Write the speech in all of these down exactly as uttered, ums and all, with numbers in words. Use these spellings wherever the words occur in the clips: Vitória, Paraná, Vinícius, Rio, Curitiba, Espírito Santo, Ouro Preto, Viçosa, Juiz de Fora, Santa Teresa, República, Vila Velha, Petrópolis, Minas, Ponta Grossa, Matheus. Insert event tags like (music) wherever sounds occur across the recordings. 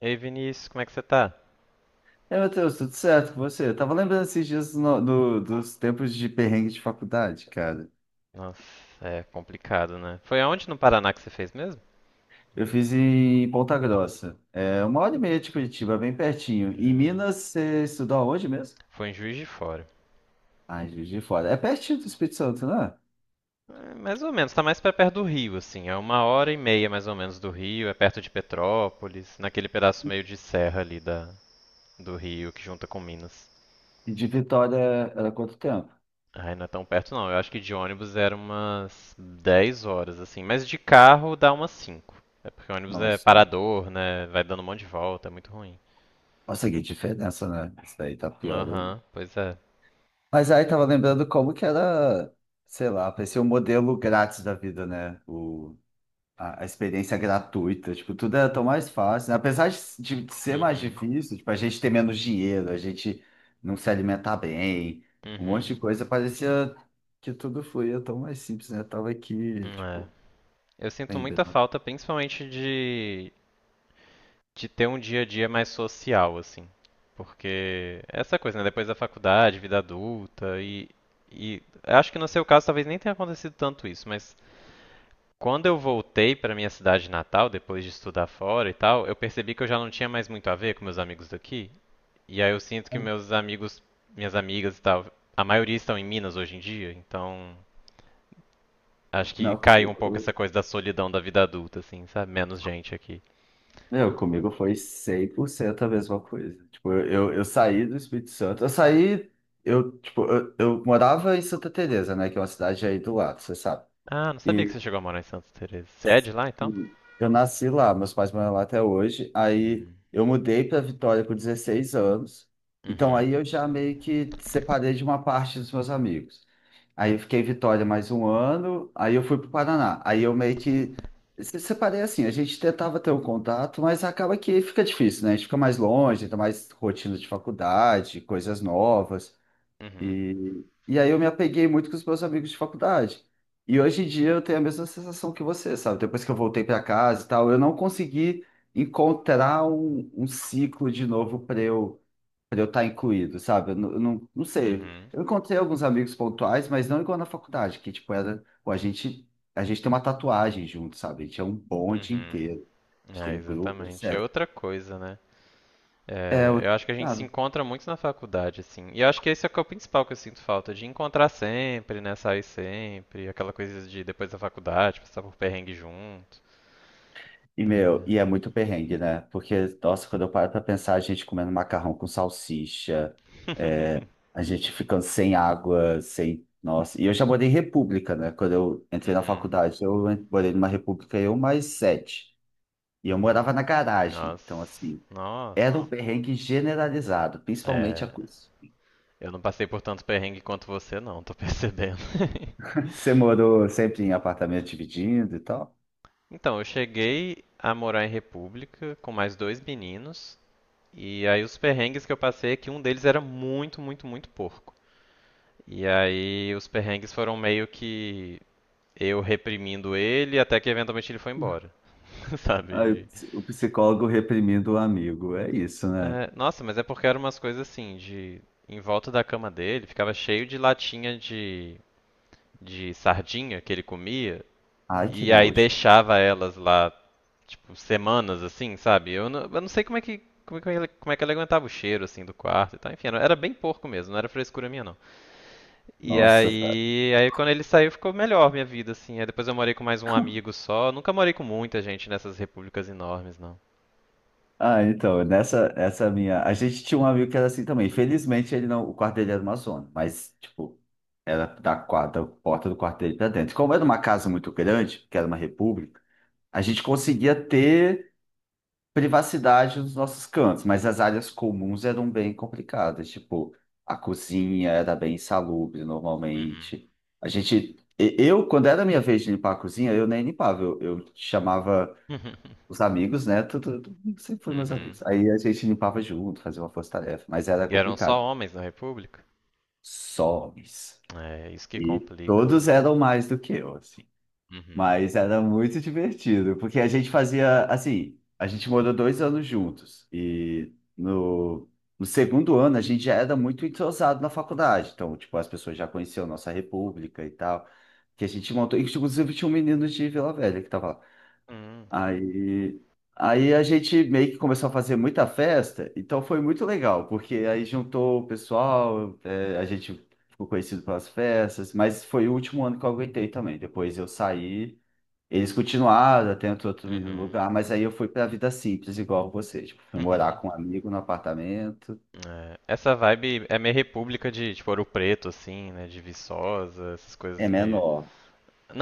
Ei, Vinícius, como é que você tá? É, Matheus, tudo certo com você? Eu tava lembrando esses dias no- do- dos tempos de perrengue de faculdade, cara. Nossa, é complicado, né? Foi aonde no Paraná que você fez mesmo? Eu fiz em Ponta Grossa. É uma hora e meia de Curitiba, bem pertinho. Em Hum, Minas, você estudou aonde mesmo? foi em Juiz de Fora. Ah, em Juiz de Fora. É pertinho do Espírito Santo, né? É, mais ou menos, tá mais pra perto do Rio, assim. É uma hora e meia mais ou menos do Rio, é perto de Petrópolis, naquele pedaço meio de serra ali da, do Rio que junta com Minas. E de Vitória é, era quanto tempo? Ai, não é tão perto não. Eu acho que de ônibus era umas dez horas, assim. Mas de carro dá umas cinco. É porque ônibus é Nossa. parador, né? Vai dando um monte de volta, é muito ruim. Nossa, que diferença, né? Isso daí tá pior ainda. Aham, pois é. Mas aí tava lembrando como que era, sei lá, parecia um modelo grátis da vida, né? A a experiência gratuita, tipo, tudo era tão mais fácil, né? Apesar de, de ser mais Uhum, difícil, tipo, a gente ter menos dinheiro, a gente não se alimentar bem, um uhum. monte de coisa, parecia que tudo fluía tão mais simples, né? Eu tava aqui, É, tipo, eu sinto muita lembrando. falta, principalmente de, de ter um dia a dia mais social, assim. Porque é essa coisa, né? Depois da faculdade, vida adulta, e, e acho que no seu caso talvez nem tenha acontecido tanto isso, mas quando eu voltei para minha cidade natal, depois de estudar fora e tal, eu percebi que eu já não tinha mais muito a ver com meus amigos daqui. E aí eu sinto que meus amigos, minhas amigas e tal, a maioria estão em Minas hoje em dia, então acho que Não, caiu um pouco comigo, essa coisa da solidão da vida adulta, assim, sabe? Menos gente aqui. meu, comigo foi cem por cento a mesma coisa. Tipo, eu, eu, eu saí do Espírito Santo, eu saí, eu, tipo, eu, eu morava em Santa Teresa, né? Que é uma cidade aí do lado, você sabe. Ah, não sabia que você chegou a morar em Santa Teresa. Você é de lá, então? Eu nasci lá, meus pais moram lá até hoje. Aí Hum. eu mudei para Vitória com dezesseis anos. Então Uhum, aí eu já meio que separei de uma parte dos meus amigos. Aí eu fiquei em Vitória mais um ano, aí eu fui para o Paraná. Aí eu meio que se separei assim, a gente tentava ter um contato, mas acaba que fica difícil, né? A gente fica mais longe, ainda mais rotina de faculdade, coisas novas. uhum, E, e aí eu me apeguei muito com os meus amigos de faculdade. E hoje em dia eu tenho a mesma sensação que você, sabe? Depois que eu voltei para casa e tal, eu não consegui encontrar um, um ciclo de novo para eu para eu estar incluído, sabe? Eu, não, eu não não sei. uhum, Eu encontrei alguns amigos pontuais, mas não igual na faculdade, que tipo era, pô, a gente a gente tem uma tatuagem junto, sabe? A gente é um bonde uhum. inteiro. A gente tem É, um grupo, exatamente. É etcétera. outra coisa, né? É, É, eu outro- acho que a gente se encontra muito na faculdade, assim. E eu acho que esse é o que é o principal que eu sinto falta, de encontrar sempre, né? Sair sempre, aquela coisa de depois da faculdade, passar por perrengue junto. E, É. meu, e é muito perrengue, né? Porque, nossa, quando eu paro pra pensar, a gente comendo macarrão com salsicha, é, (laughs) a gente ficando sem água, sem. Nossa, e eu já morei em república, né? Quando eu entrei na Uhum, faculdade, eu en- morei numa república, eu mais sete. E eu morava uhum. na garagem, então, Nossa, assim, era um nossa. perrengue generalizado, principalmente a É, coisa. eu não passei por tanto perrengue quanto você, não, tô percebendo. (laughs) (laughs) Você morou sempre em apartamento dividindo e tal? Então, eu cheguei a morar em república com mais dois meninos, e aí os perrengues que eu passei é que um deles era muito, muito, muito porco. E aí os perrengues foram meio que eu reprimindo ele até que eventualmente ele foi embora, (laughs) sabe? Aí, De- o psicólogo reprimindo o amigo, é isso, né? É, nossa, mas é porque eram umas coisas assim, de em volta da cama dele ficava cheio de latinha de, de sardinha que ele comia, Ai, que e aí nojo. deixava elas lá tipo, semanas, assim, sabe? Eu não, eu não sei como é que. Como é, que ele, como é que ele aguentava o cheiro, assim, do quarto e tal. Enfim, era, era bem porco mesmo, não era frescura minha, não. E Nossa, aí, aí quando ele saiu, ficou melhor minha vida, assim. Aí depois eu morei com mais um amigo só. Nunca morei com muita gente nessas repúblicas enormes, não. ah, então, nessa essa minha. A gente tinha um amigo que era assim também. Felizmente, ele não. O quarto dele era uma zona, mas, tipo, era da, quadra, da porta do quarto dele pra dentro. Como era uma casa muito grande, que era uma república, a gente conseguia ter privacidade nos nossos cantos, mas as áreas comuns eram bem complicadas. Tipo, a cozinha era bem insalubre Uhum. normalmente. A gente. e- Eu, quando era a minha vez de limpar a cozinha, eu nem limpava, eu eu chamava os (laughs) amigos, né? Tudo, tudo- sempre foram meus Uhum. amigos. Aí a gente limpava junto, fazia uma força-tarefa, mas era E eram só complicado. homens na república? Somes. É, isso que E complica, né? todos eram mais do que eu, assim. Uhum. Mas era muito divertido, porque a gente fazia, assim, a gente morou dois anos juntos. E no, no segundo ano a gente já era muito entrosado na faculdade. Então, tipo, as pessoas já conheciam nossa república e tal, que a gente montou. E, inclusive, tinha um menino de Vila Velha que tava lá. Hum. Aí, Aí a gente meio que começou a fazer muita festa, então foi muito legal, porque aí juntou o pessoal, é, a gente ficou conhecido pelas festas, mas foi o último ano que eu aguentei também. Depois eu saí, eles continuaram, até entrou outro menino no Uhum. lugar, mas aí eu fui para a vida simples, igual você. Tipo, fui morar com um (laughs) amigo no apartamento, É, essa vibe é meio república de, tipo, Ouro Preto, assim, né? De Viçosa, essas é coisas meio. menor,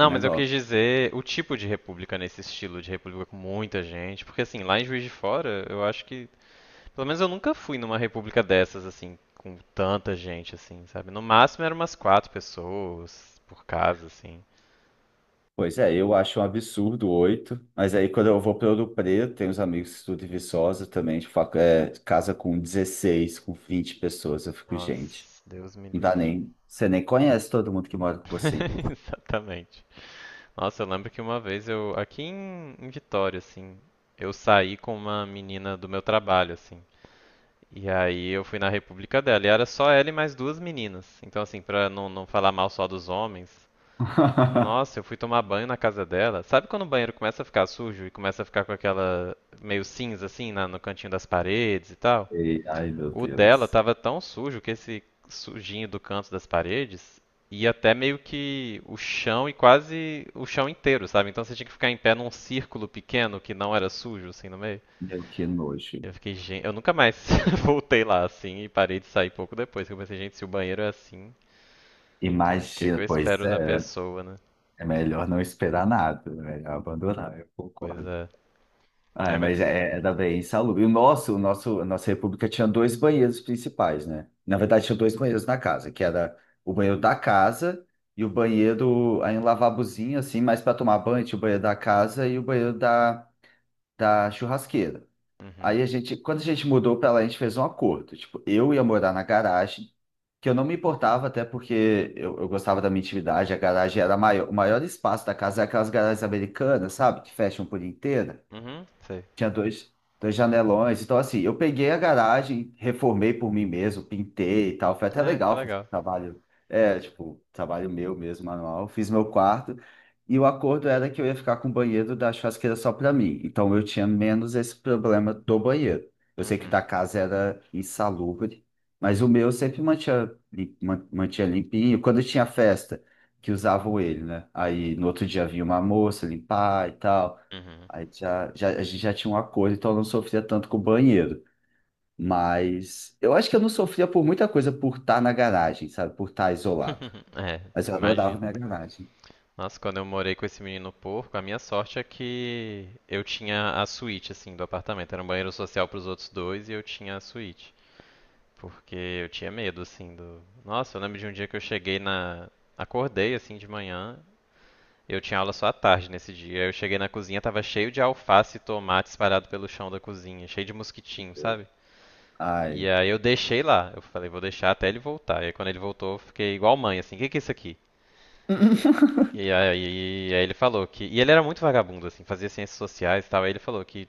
é mas eu quis menor. dizer o tipo de república nesse estilo de república com muita gente, porque assim, lá em Juiz de Fora, eu acho que, pelo menos eu nunca fui numa república dessas assim, com tanta gente assim, sabe? No máximo eram umas quatro pessoas por casa assim. Pois é, eu acho um absurdo oito, mas aí quando eu vou para Ouro Preto, tem uns amigos que estudam em Viçosa também, de facu- é, casa com dezesseis, com vinte pessoas, eu fico, gente, Nossa, Deus me não dá livre. nem, você nem conhece todo mundo que mora com você. (laughs) Exatamente. Nossa, eu lembro que uma vez eu aqui em, em Vitória assim, eu saí com uma menina do meu trabalho assim. E aí eu fui na república dela e era só ela e mais duas meninas. Então assim, pra não, não falar mal só dos homens, nossa, eu (laughs) fui tomar banho na casa dela. Sabe quando o banheiro começa a ficar sujo e começa a ficar com aquela meio cinza assim na- no cantinho das paredes e tal? E, ai, meu O dela Deus, tava tão sujo que esse sujinho do canto das paredes ia até meio que o chão e quase o chão inteiro, sabe? Então você tinha que ficar em pé num círculo pequeno que não era sujo assim no meio. meu, que nojo. Eu fiquei, gente, eu nunca mais (laughs) voltei lá assim e parei de sair pouco depois. Que Eu pensei, gente, se o banheiro é assim, o que, que Imagina, que eu pois espero da é, pessoa, né? é melhor não esperar nada, é melhor abandonar, eu Pois concordo. é. Ai, Ah, mas mas. é, era bem insalubre. E o nosso, o nosso, a nossa república tinha dois banheiros principais, né? Na verdade, tinha dois banheiros na casa, que era o banheiro da casa e o banheiro, aí um lavabozinho, assim, mais para tomar banho, tinha o banheiro da casa e o banheiro da, da churrasqueira. Aí Uhum. a gente, quando a gente mudou pra lá, a gente fez um acordo. Tipo, eu ia morar na garagem, que eu não me importava, até porque eu, eu gostava da minha intimidade, a garagem era maior, o maior espaço da casa, é aquelas garagens americanas, sabe? Que fecham por inteira. Uhum, sei. Tinha dois, dois janelões. Então, assim, eu peguei a garagem, reformei por mim mesmo, pintei e tal. Foi até É, que legal fazer um legal. trabalho, é, tipo, trabalho meu mesmo, manual. Fiz meu quarto. E o acordo era que eu ia ficar com o banheiro da churrasqueira só para mim. Então, eu tinha menos esse problema do banheiro. Eu sei que o da Uhum. casa era insalubre, mas o meu sempre mantinha, lim- man- mantinha limpinho. Quando tinha festa, que usavam ele, né? Aí, no outro dia, vinha uma moça limpar e tal. Uhum. Aí já, já, a gente já tinha um acordo, então eu não sofria tanto com o banheiro. Mas eu acho que eu não sofria por muita coisa por estar na garagem, sabe? Por estar isolado. (laughs) É, Mas eu adorava imagino. minha garagem. Nossa, quando eu morei com esse menino porco, a minha sorte é que eu tinha a suíte, assim, do apartamento. Era um banheiro social pros outros dois e eu tinha a suíte. Porque eu tinha medo, assim, do. Nossa, eu lembro de um dia que eu cheguei na. Acordei, assim, de manhã. Eu tinha aula só à tarde nesse dia. Eu cheguei na cozinha, tava cheio de alface e tomate espalhado pelo chão da cozinha, cheio de mosquitinho, sabe? E Ai. aí eu deixei lá. Eu falei, vou deixar até ele voltar. E aí quando ele voltou, eu fiquei igual mãe, assim, o que que é isso aqui? (laughs) E aí, aí ele falou que. E ele era muito vagabundo, assim, fazia ciências sociais e tal. Aí ele falou que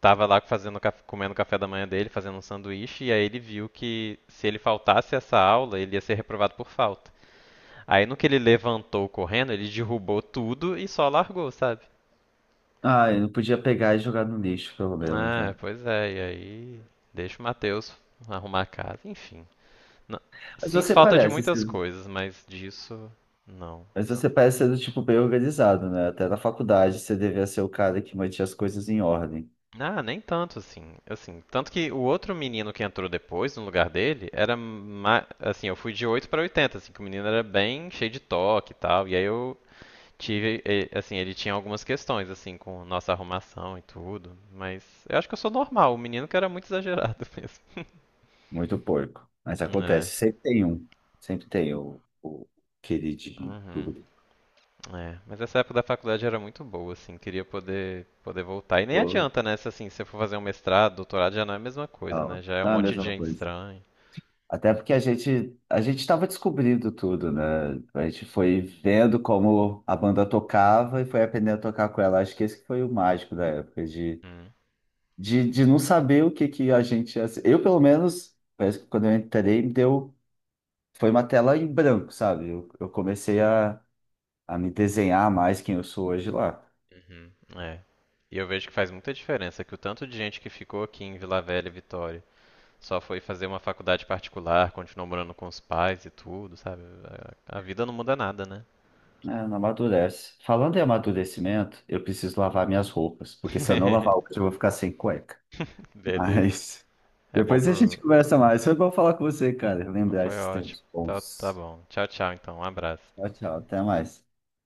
tava lá fazendo, caf- comendo o café da manhã dele, fazendo um sanduíche, e aí ele viu que se ele faltasse essa aula, ele ia ser reprovado por falta. Aí no que ele levantou correndo, ele derrubou tudo e só largou, sabe? Ai, não podia pegar e jogar no lixo, pelo menos, É, né? pois é, e aí deixa o Matheus arrumar a casa, enfim. Não- Mas Sinto você falta de parece, muitas ser- coisas, mas disso não. mas você parece ser do tipo bem organizado, né? Até na faculdade você devia ser o cara que mantinha as coisas em ordem. Ah, nem tanto assim. Assim, tanto que o outro menino que entrou depois no lugar dele era ma- assim, eu fui de oito para oitenta, assim, que o menino era bem cheio de toque e tal, e aí eu tive, e- assim, ele tinha algumas questões assim com nossa arrumação e tudo, mas eu acho que eu sou normal, o menino que era muito exagerado (laughs) mesmo. Muito porco. Mas É. acontece, sempre tem um. Sempre tem o, o queridinho do Uhum. grupo. É, mas essa época da faculdade era muito boa, assim, queria poder poder voltar. E nem Ou- adianta, né? Se assim, se você for fazer um mestrado, doutorado, já não é a mesma coisa, né? Não, Já é um não é a monte de mesma gente coisa. estranha. Até porque a gente a gente estava descobrindo tudo, né? A gente foi vendo como a banda tocava e foi aprendendo a tocar com ela. Acho que esse que foi o mágico da época, de, Hum, de, de não saber o que que a gente ia ser. Eu, pelo menos, parece que quando eu entrei, me deu, foi uma tela em branco, sabe? Eu, eu comecei a, a me desenhar mais quem eu sou hoje lá. uhum, é. E eu vejo que faz muita diferença que o tanto de gente que ficou aqui em Vila Velha e Vitória só foi fazer uma faculdade particular, continuou morando com os pais e tudo, sabe? A, a vida não muda nada, né? É, não amadurece. Falando em amadurecimento, eu preciso lavar minhas roupas, porque se eu não lavar hoje, (laughs) eu vou ficar sem cueca. Beleza. Mas É bom depois a gente pro. conversa mais. Foi bom falar com você, cara. Lembrar Foi esses ótimo. tempos Tá, tá bons. bom. Tchau, tchau, então. Um abraço. Tchau, tchau. Até mais.